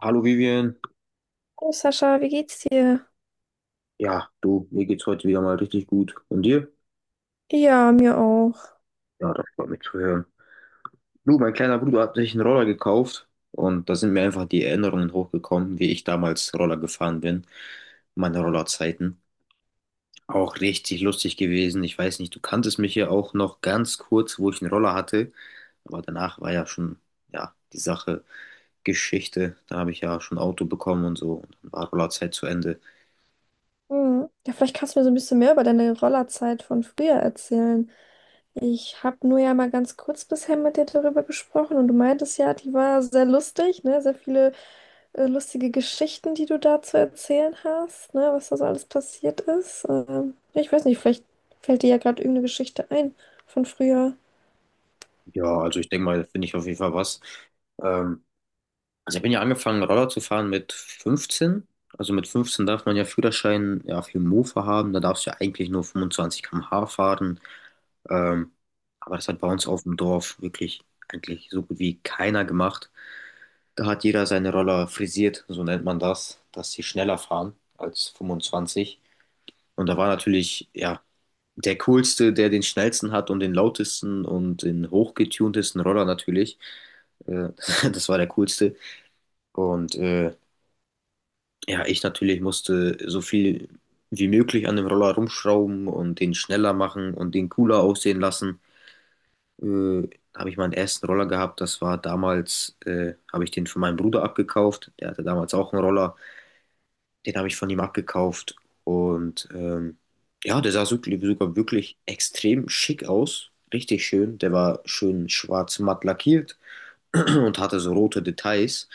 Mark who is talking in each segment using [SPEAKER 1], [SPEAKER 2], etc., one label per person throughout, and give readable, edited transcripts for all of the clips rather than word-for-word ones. [SPEAKER 1] Hallo Vivian,
[SPEAKER 2] Hallo Sascha, wie geht's dir?
[SPEAKER 1] ja, du, mir geht's heute wieder mal richtig gut. Und dir?
[SPEAKER 2] Ja, mir auch.
[SPEAKER 1] Ja, das freut mich zu hören. Du, mein kleiner Bruder hat sich einen Roller gekauft und da sind mir einfach die Erinnerungen hochgekommen, wie ich damals Roller gefahren bin, meine Rollerzeiten. Auch richtig lustig gewesen. Ich weiß nicht, du kanntest mich ja auch noch ganz kurz, wo ich einen Roller hatte, aber danach war ja schon, ja, die Sache Geschichte. Da habe ich ja schon ein Auto bekommen und so und dann war Rollerzeit zu Ende.
[SPEAKER 2] Hm. Ja, vielleicht kannst du mir so ein bisschen mehr über deine Rollerzeit von früher erzählen. Ich habe nur ja mal ganz kurz bisher mit dir darüber gesprochen und du meintest ja, die war sehr lustig, ne? Sehr viele lustige Geschichten, die du da zu erzählen hast, ne? Was da so alles passiert ist. Ja, ich weiß nicht, vielleicht fällt dir ja gerade irgendeine Geschichte ein von früher.
[SPEAKER 1] Ja, also ich denke mal, da finde ich auf jeden Fall was. Ähm, Also ich bin ja angefangen, Roller zu fahren mit 15. Also mit 15 darf man ja Führerschein ja, für Mofa haben. Da darfst du ja eigentlich nur 25 km/h fahren. Ähm, aber das hat bei uns auf dem Dorf wirklich eigentlich so gut wie keiner gemacht. Da hat jeder seine Roller frisiert, so nennt man das, dass sie schneller fahren als 25. Und da war natürlich, ja, der coolste, der den schnellsten hat und den lautesten und den hochgetuntesten Roller natürlich. Äh, das war der coolste. Und ja, ich natürlich musste so viel wie möglich an dem Roller rumschrauben und den schneller machen und den cooler aussehen lassen. Äh, da habe ich meinen ersten Roller gehabt. Das war damals, habe ich den von meinem Bruder abgekauft. Der hatte damals auch einen Roller. Den habe ich von ihm abgekauft. Und ja, der sah sogar wirklich extrem schick aus. Richtig schön. Der war schön schwarz matt lackiert und hatte so rote Details.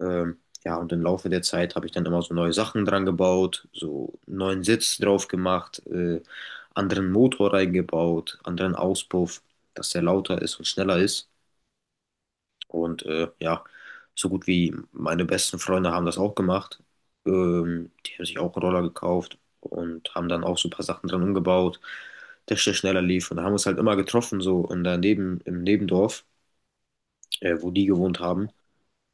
[SPEAKER 1] Ja, und im Laufe der Zeit habe ich dann immer so neue Sachen dran gebaut, so einen neuen Sitz drauf gemacht, anderen Motor reingebaut, anderen Auspuff, dass der lauter ist und schneller ist. Und ja, so gut wie meine besten Freunde haben das auch gemacht. Die haben sich auch einen Roller gekauft und haben dann auch so ein paar Sachen dran umgebaut, dass der schneller lief. Und da haben wir uns halt immer getroffen, so in der im Nebendorf, wo die gewohnt haben.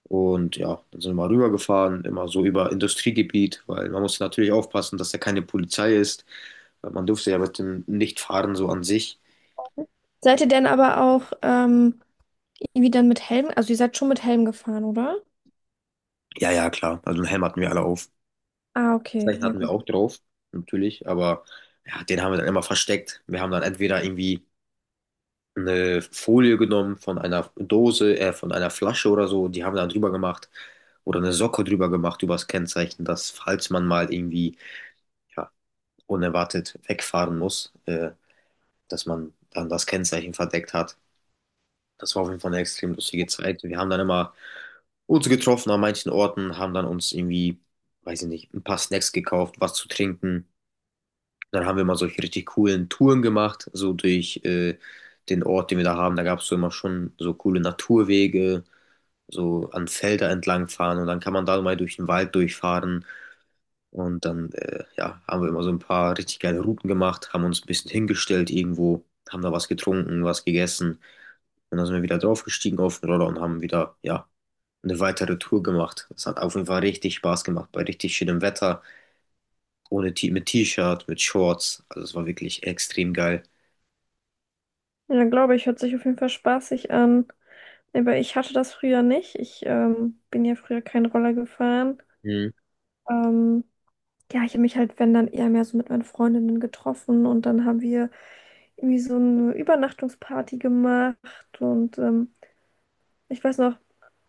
[SPEAKER 1] Und ja, dann sind wir mal rübergefahren, immer so über Industriegebiet, weil man muss natürlich aufpassen, dass da keine Polizei ist, weil man durfte ja mit dem nicht fahren so an sich.
[SPEAKER 2] Seid ihr denn aber auch irgendwie dann mit Helm? Also ihr seid schon mit Helm gefahren, oder?
[SPEAKER 1] Ja, ja, klar. Also einen Helm hatten wir alle auf.
[SPEAKER 2] Ah, okay,
[SPEAKER 1] Zeichen
[SPEAKER 2] ja.
[SPEAKER 1] hatten wir auch drauf, natürlich, aber ja, den haben wir dann immer versteckt. Wir haben dann entweder irgendwie eine Folie genommen von einer Dose, von einer Flasche oder so, die haben wir dann drüber gemacht oder eine Socke drüber gemacht über das Kennzeichen, dass falls man mal irgendwie ja, unerwartet wegfahren muss, dass man dann das Kennzeichen verdeckt hat. Das war auf jeden Fall eine extrem lustige Zeit. Wir haben dann immer uns getroffen an manchen Orten, haben dann uns irgendwie, weiß ich nicht, ein paar Snacks gekauft, was zu trinken. Dann haben wir mal solche richtig coolen Touren gemacht, so durch den Ort, den wir da haben. Da gab es so immer schon so coole Naturwege, so an Felder entlang fahren und dann kann man da mal durch den Wald durchfahren. Und dann ja, haben wir immer so ein paar richtig geile Routen gemacht, haben uns ein bisschen hingestellt irgendwo, haben da was getrunken, was gegessen. Und dann sind wir wieder draufgestiegen auf den Roller und haben wieder, ja, eine weitere Tour gemacht. Es hat auf jeden Fall richtig Spaß gemacht, bei richtig schönem Wetter, ohne T mit T-Shirt, mit Shorts. Also es war wirklich extrem geil.
[SPEAKER 2] Ja, glaube ich, hört sich auf jeden Fall spaßig an. Aber ich hatte das früher nicht. Ich bin ja früher keinen Roller gefahren.
[SPEAKER 1] Mhm.
[SPEAKER 2] Ähm, ja, ich habe mich halt, wenn dann eher mehr so mit meinen Freundinnen getroffen und dann haben wir irgendwie so eine Übernachtungsparty gemacht und ich weiß noch,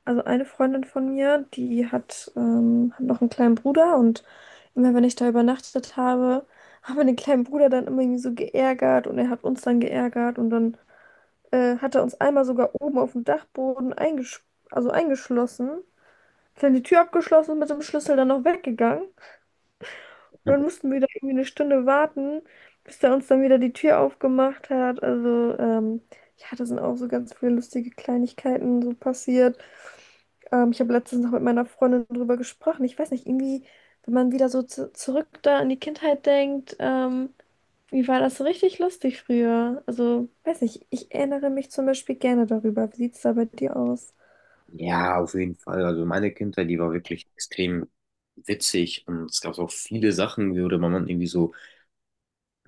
[SPEAKER 2] also eine Freundin von mir, die hat, hat noch einen kleinen Bruder und immer wenn ich da übernachtet habe, haben wir den kleinen Bruder dann immer irgendwie so geärgert und er hat uns dann geärgert und dann hat er uns einmal sogar oben auf dem Dachboden eingesch also eingeschlossen, dann die Tür abgeschlossen und mit dem Schlüssel dann noch weggegangen. Und dann mussten wir da irgendwie eine Stunde warten, bis er uns dann wieder die Tür aufgemacht hat. Also, ja, da sind auch so ganz viele lustige Kleinigkeiten so passiert. Ich habe letztens noch mit meiner Freundin drüber gesprochen. Ich weiß nicht, irgendwie, wenn man wieder so zu zurück da an die Kindheit denkt, wie war das so richtig lustig früher? Also, weiß nicht, ich erinnere mich zum Beispiel gerne darüber. Wie sieht es da bei dir aus?
[SPEAKER 1] Ja, auf jeden Fall. Also meine Kindheit, die war wirklich extrem witzig und es gab auch viele Sachen, worüber man irgendwie so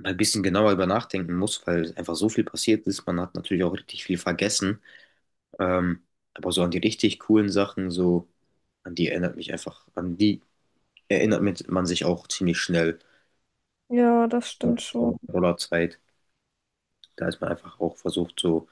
[SPEAKER 1] ein bisschen genauer über nachdenken muss, weil einfach so viel passiert ist. Man hat natürlich auch richtig viel vergessen. Ähm, aber so an die richtig coolen Sachen, so an die erinnert mich einfach, an die man sich auch ziemlich schnell
[SPEAKER 2] Ja, das
[SPEAKER 1] nach
[SPEAKER 2] stimmt
[SPEAKER 1] der
[SPEAKER 2] schon.
[SPEAKER 1] Rollerzeit. Da ist man einfach auch versucht, so,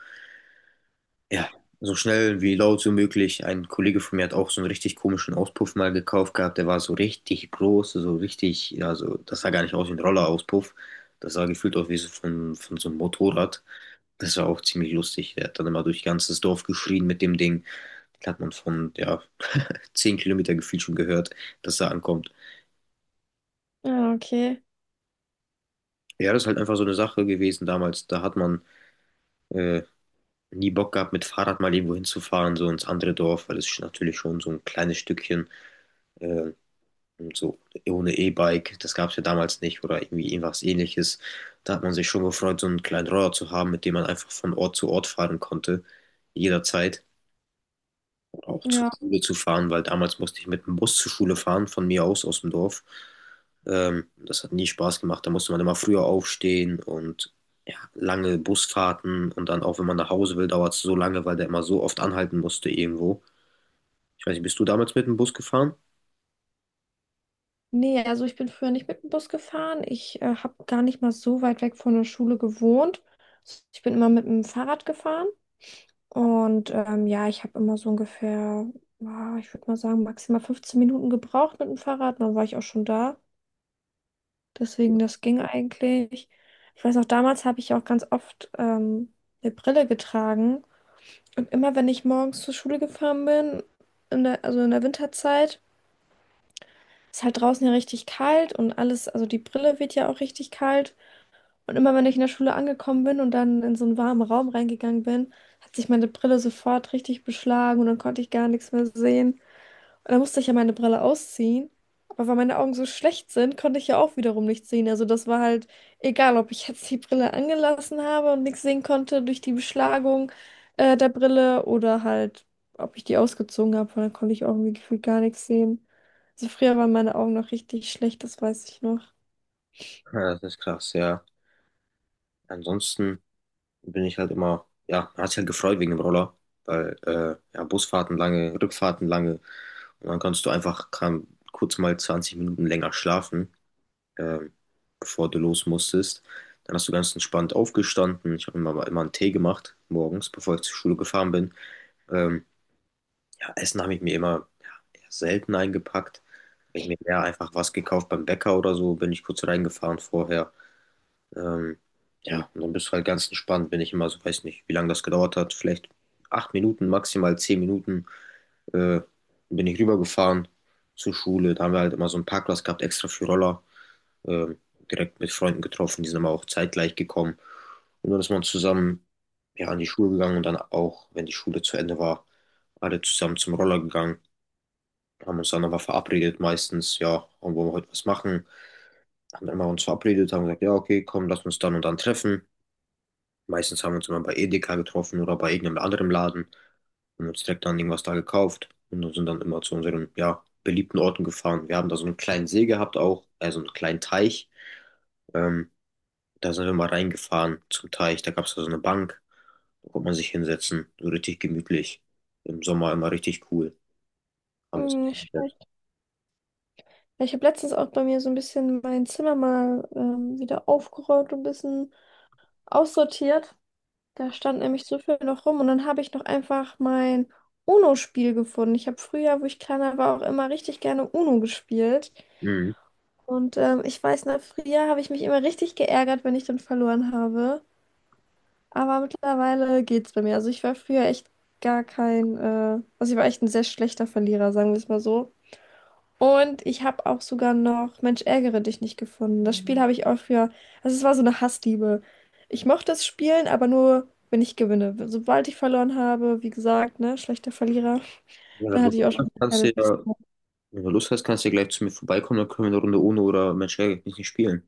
[SPEAKER 1] ja, so schnell wie laut wie möglich. Ein Kollege von mir hat auch so einen richtig komischen Auspuff mal gekauft gehabt. Der war so richtig groß, so richtig, ja, so, das sah gar nicht aus wie ein Rollerauspuff. Das sah gefühlt aus wie von so einem Motorrad. Das war auch ziemlich lustig. Der hat dann immer durch ganzes Dorf geschrien mit dem Ding. Das hat man von, ja, 10 Kilometer gefühlt schon gehört, dass er ankommt.
[SPEAKER 2] Ja, okay.
[SPEAKER 1] Ja, das ist halt einfach so eine Sache gewesen damals. Da hat man äh, nie Bock gehabt, mit Fahrrad mal irgendwo hinzufahren, so ins andere Dorf, weil es ist natürlich schon so ein kleines Stückchen, äh, und so ohne E-Bike, das gab es ja damals nicht oder irgendwie irgendwas ähnliches. Da hat man sich schon gefreut, so einen kleinen Roller zu haben, mit dem man einfach von Ort zu Ort fahren konnte, jederzeit auch zur
[SPEAKER 2] Ja.
[SPEAKER 1] Schule zu fahren, weil damals musste ich mit dem Bus zur Schule fahren, von mir aus, aus dem Dorf. Das hat nie Spaß gemacht. Da musste man immer früher aufstehen und ja, lange Busfahrten und dann auch, wenn man nach Hause will, dauert es so lange, weil der immer so oft anhalten musste irgendwo. Ich weiß nicht, bist du damals mit dem Bus gefahren?
[SPEAKER 2] Nee, also ich bin früher nicht mit dem Bus gefahren. Ich habe gar nicht mal so weit weg von der Schule gewohnt. Ich bin immer mit dem Fahrrad gefahren. Und ja, ich habe immer so ungefähr, ah, ich würde mal sagen, maximal 15 Minuten gebraucht mit dem Fahrrad. Dann war ich auch schon da. Deswegen, das ging eigentlich. Ich weiß auch, damals habe ich ja auch ganz oft eine Brille getragen. Und immer, wenn ich morgens zur Schule gefahren bin, also in der Winterzeit, ist halt draußen ja richtig kalt und alles, also die Brille wird ja auch richtig kalt. Und immer wenn ich in der Schule angekommen bin und dann in so einen warmen Raum reingegangen bin, hat sich meine Brille sofort richtig beschlagen und dann konnte ich gar nichts mehr sehen. Und dann musste ich ja meine Brille ausziehen. Aber weil meine Augen so schlecht sind, konnte ich ja auch wiederum nichts sehen. Also das war halt egal, ob ich jetzt die Brille angelassen habe und nichts sehen konnte durch die Beschlagung der Brille oder halt, ob ich die ausgezogen habe, weil dann konnte ich auch irgendwie gefühlt gar nichts sehen. Also früher waren meine Augen noch richtig schlecht, das weiß ich noch.
[SPEAKER 1] Ja, das ist krass, ja. Ansonsten bin ich halt immer, ja, man hat sich halt gefreut wegen dem Roller, weil ja, Busfahrten lange, Rückfahrten lange und dann kannst du kurz mal 20 Minuten länger schlafen. ähm, bevor du los musstest. Dann hast du ganz entspannt aufgestanden. Ich habe mir immer einen Tee gemacht morgens, bevor ich zur Schule gefahren bin. Ähm, ja, Essen habe ich mir immer ja, eher selten eingepackt. Habe ich mir eher einfach was gekauft beim Bäcker oder so, bin ich kurz reingefahren vorher. Ähm, ja, und dann bist du halt ganz entspannt, bin ich immer so, weiß nicht, wie lange das gedauert hat, vielleicht 8 Minuten, maximal 10 Minuten, äh, bin ich rübergefahren zur Schule. Da haben wir halt immer so einen Parkplatz gehabt, extra für Roller, ähm, direkt mit Freunden getroffen, die sind immer auch zeitgleich gekommen. Und dann ist man zusammen, ja, an die Schule gegangen und dann auch, wenn die Schule zu Ende war, alle zusammen zum Roller gegangen, haben uns dann aber verabredet meistens, ja, wollen wir heute was machen. Haben immer uns verabredet, haben gesagt, ja, okay, komm, lass uns dann und dann treffen. Meistens haben wir uns immer bei Edeka getroffen oder bei irgendeinem anderen Laden und uns direkt dann irgendwas da gekauft und sind dann immer zu unseren, ja, beliebten Orten gefahren. Wir haben da so einen kleinen See gehabt auch, also einen kleinen Teich. Ähm, da sind wir mal reingefahren zum Teich. Da gab es da so eine Bank, da konnte man sich hinsetzen, so richtig gemütlich. Im Sommer immer richtig cool. Haben wir uns
[SPEAKER 2] Mm,
[SPEAKER 1] hingesetzt.
[SPEAKER 2] ja, ich habe letztens auch bei mir so ein bisschen mein Zimmer mal wieder aufgeräumt und ein bisschen aussortiert. Da stand nämlich so viel noch rum und dann habe ich noch einfach mein UNO-Spiel gefunden. Ich habe früher, wo ich kleiner war, auch immer richtig gerne UNO gespielt.
[SPEAKER 1] Mhm.
[SPEAKER 2] Und ich weiß, na früher habe ich mich immer richtig geärgert, wenn ich dann verloren habe. Aber mittlerweile geht's bei mir. Also ich war früher echt gar kein, also ich war echt ein sehr schlechter Verlierer, sagen wir es mal so. Und ich habe auch sogar noch Mensch, ärgere dich nicht gefunden. Das Spiel habe ich auch für, also es war so eine Hassliebe. Ich mochte es spielen, aber nur, wenn ich gewinne. Sobald ich verloren habe, wie gesagt, ne, schlechter Verlierer,
[SPEAKER 1] Ja,
[SPEAKER 2] da
[SPEAKER 1] wenn du
[SPEAKER 2] hatte ich
[SPEAKER 1] Lust
[SPEAKER 2] auch schon
[SPEAKER 1] hast,
[SPEAKER 2] eine
[SPEAKER 1] kannst
[SPEAKER 2] halbe.
[SPEAKER 1] du ja, wenn du Lust hast, kannst du ja gleich zu mir vorbeikommen, dann können wir eine Runde ohne oder Mensch, ärgere dich nicht spielen.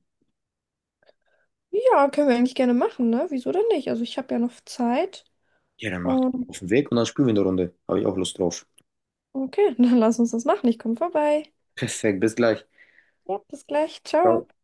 [SPEAKER 2] Ja, können wir eigentlich gerne machen, ne? Wieso denn nicht? Also ich habe ja noch Zeit.
[SPEAKER 1] Ja, dann macht
[SPEAKER 2] Und
[SPEAKER 1] auf den Weg und dann spielen wir eine Runde. Habe ich auch Lust drauf.
[SPEAKER 2] okay, dann lass uns das machen. Ich komme vorbei.
[SPEAKER 1] Perfekt, bis gleich.
[SPEAKER 2] Ja, bis gleich. Ciao.
[SPEAKER 1] Ciao.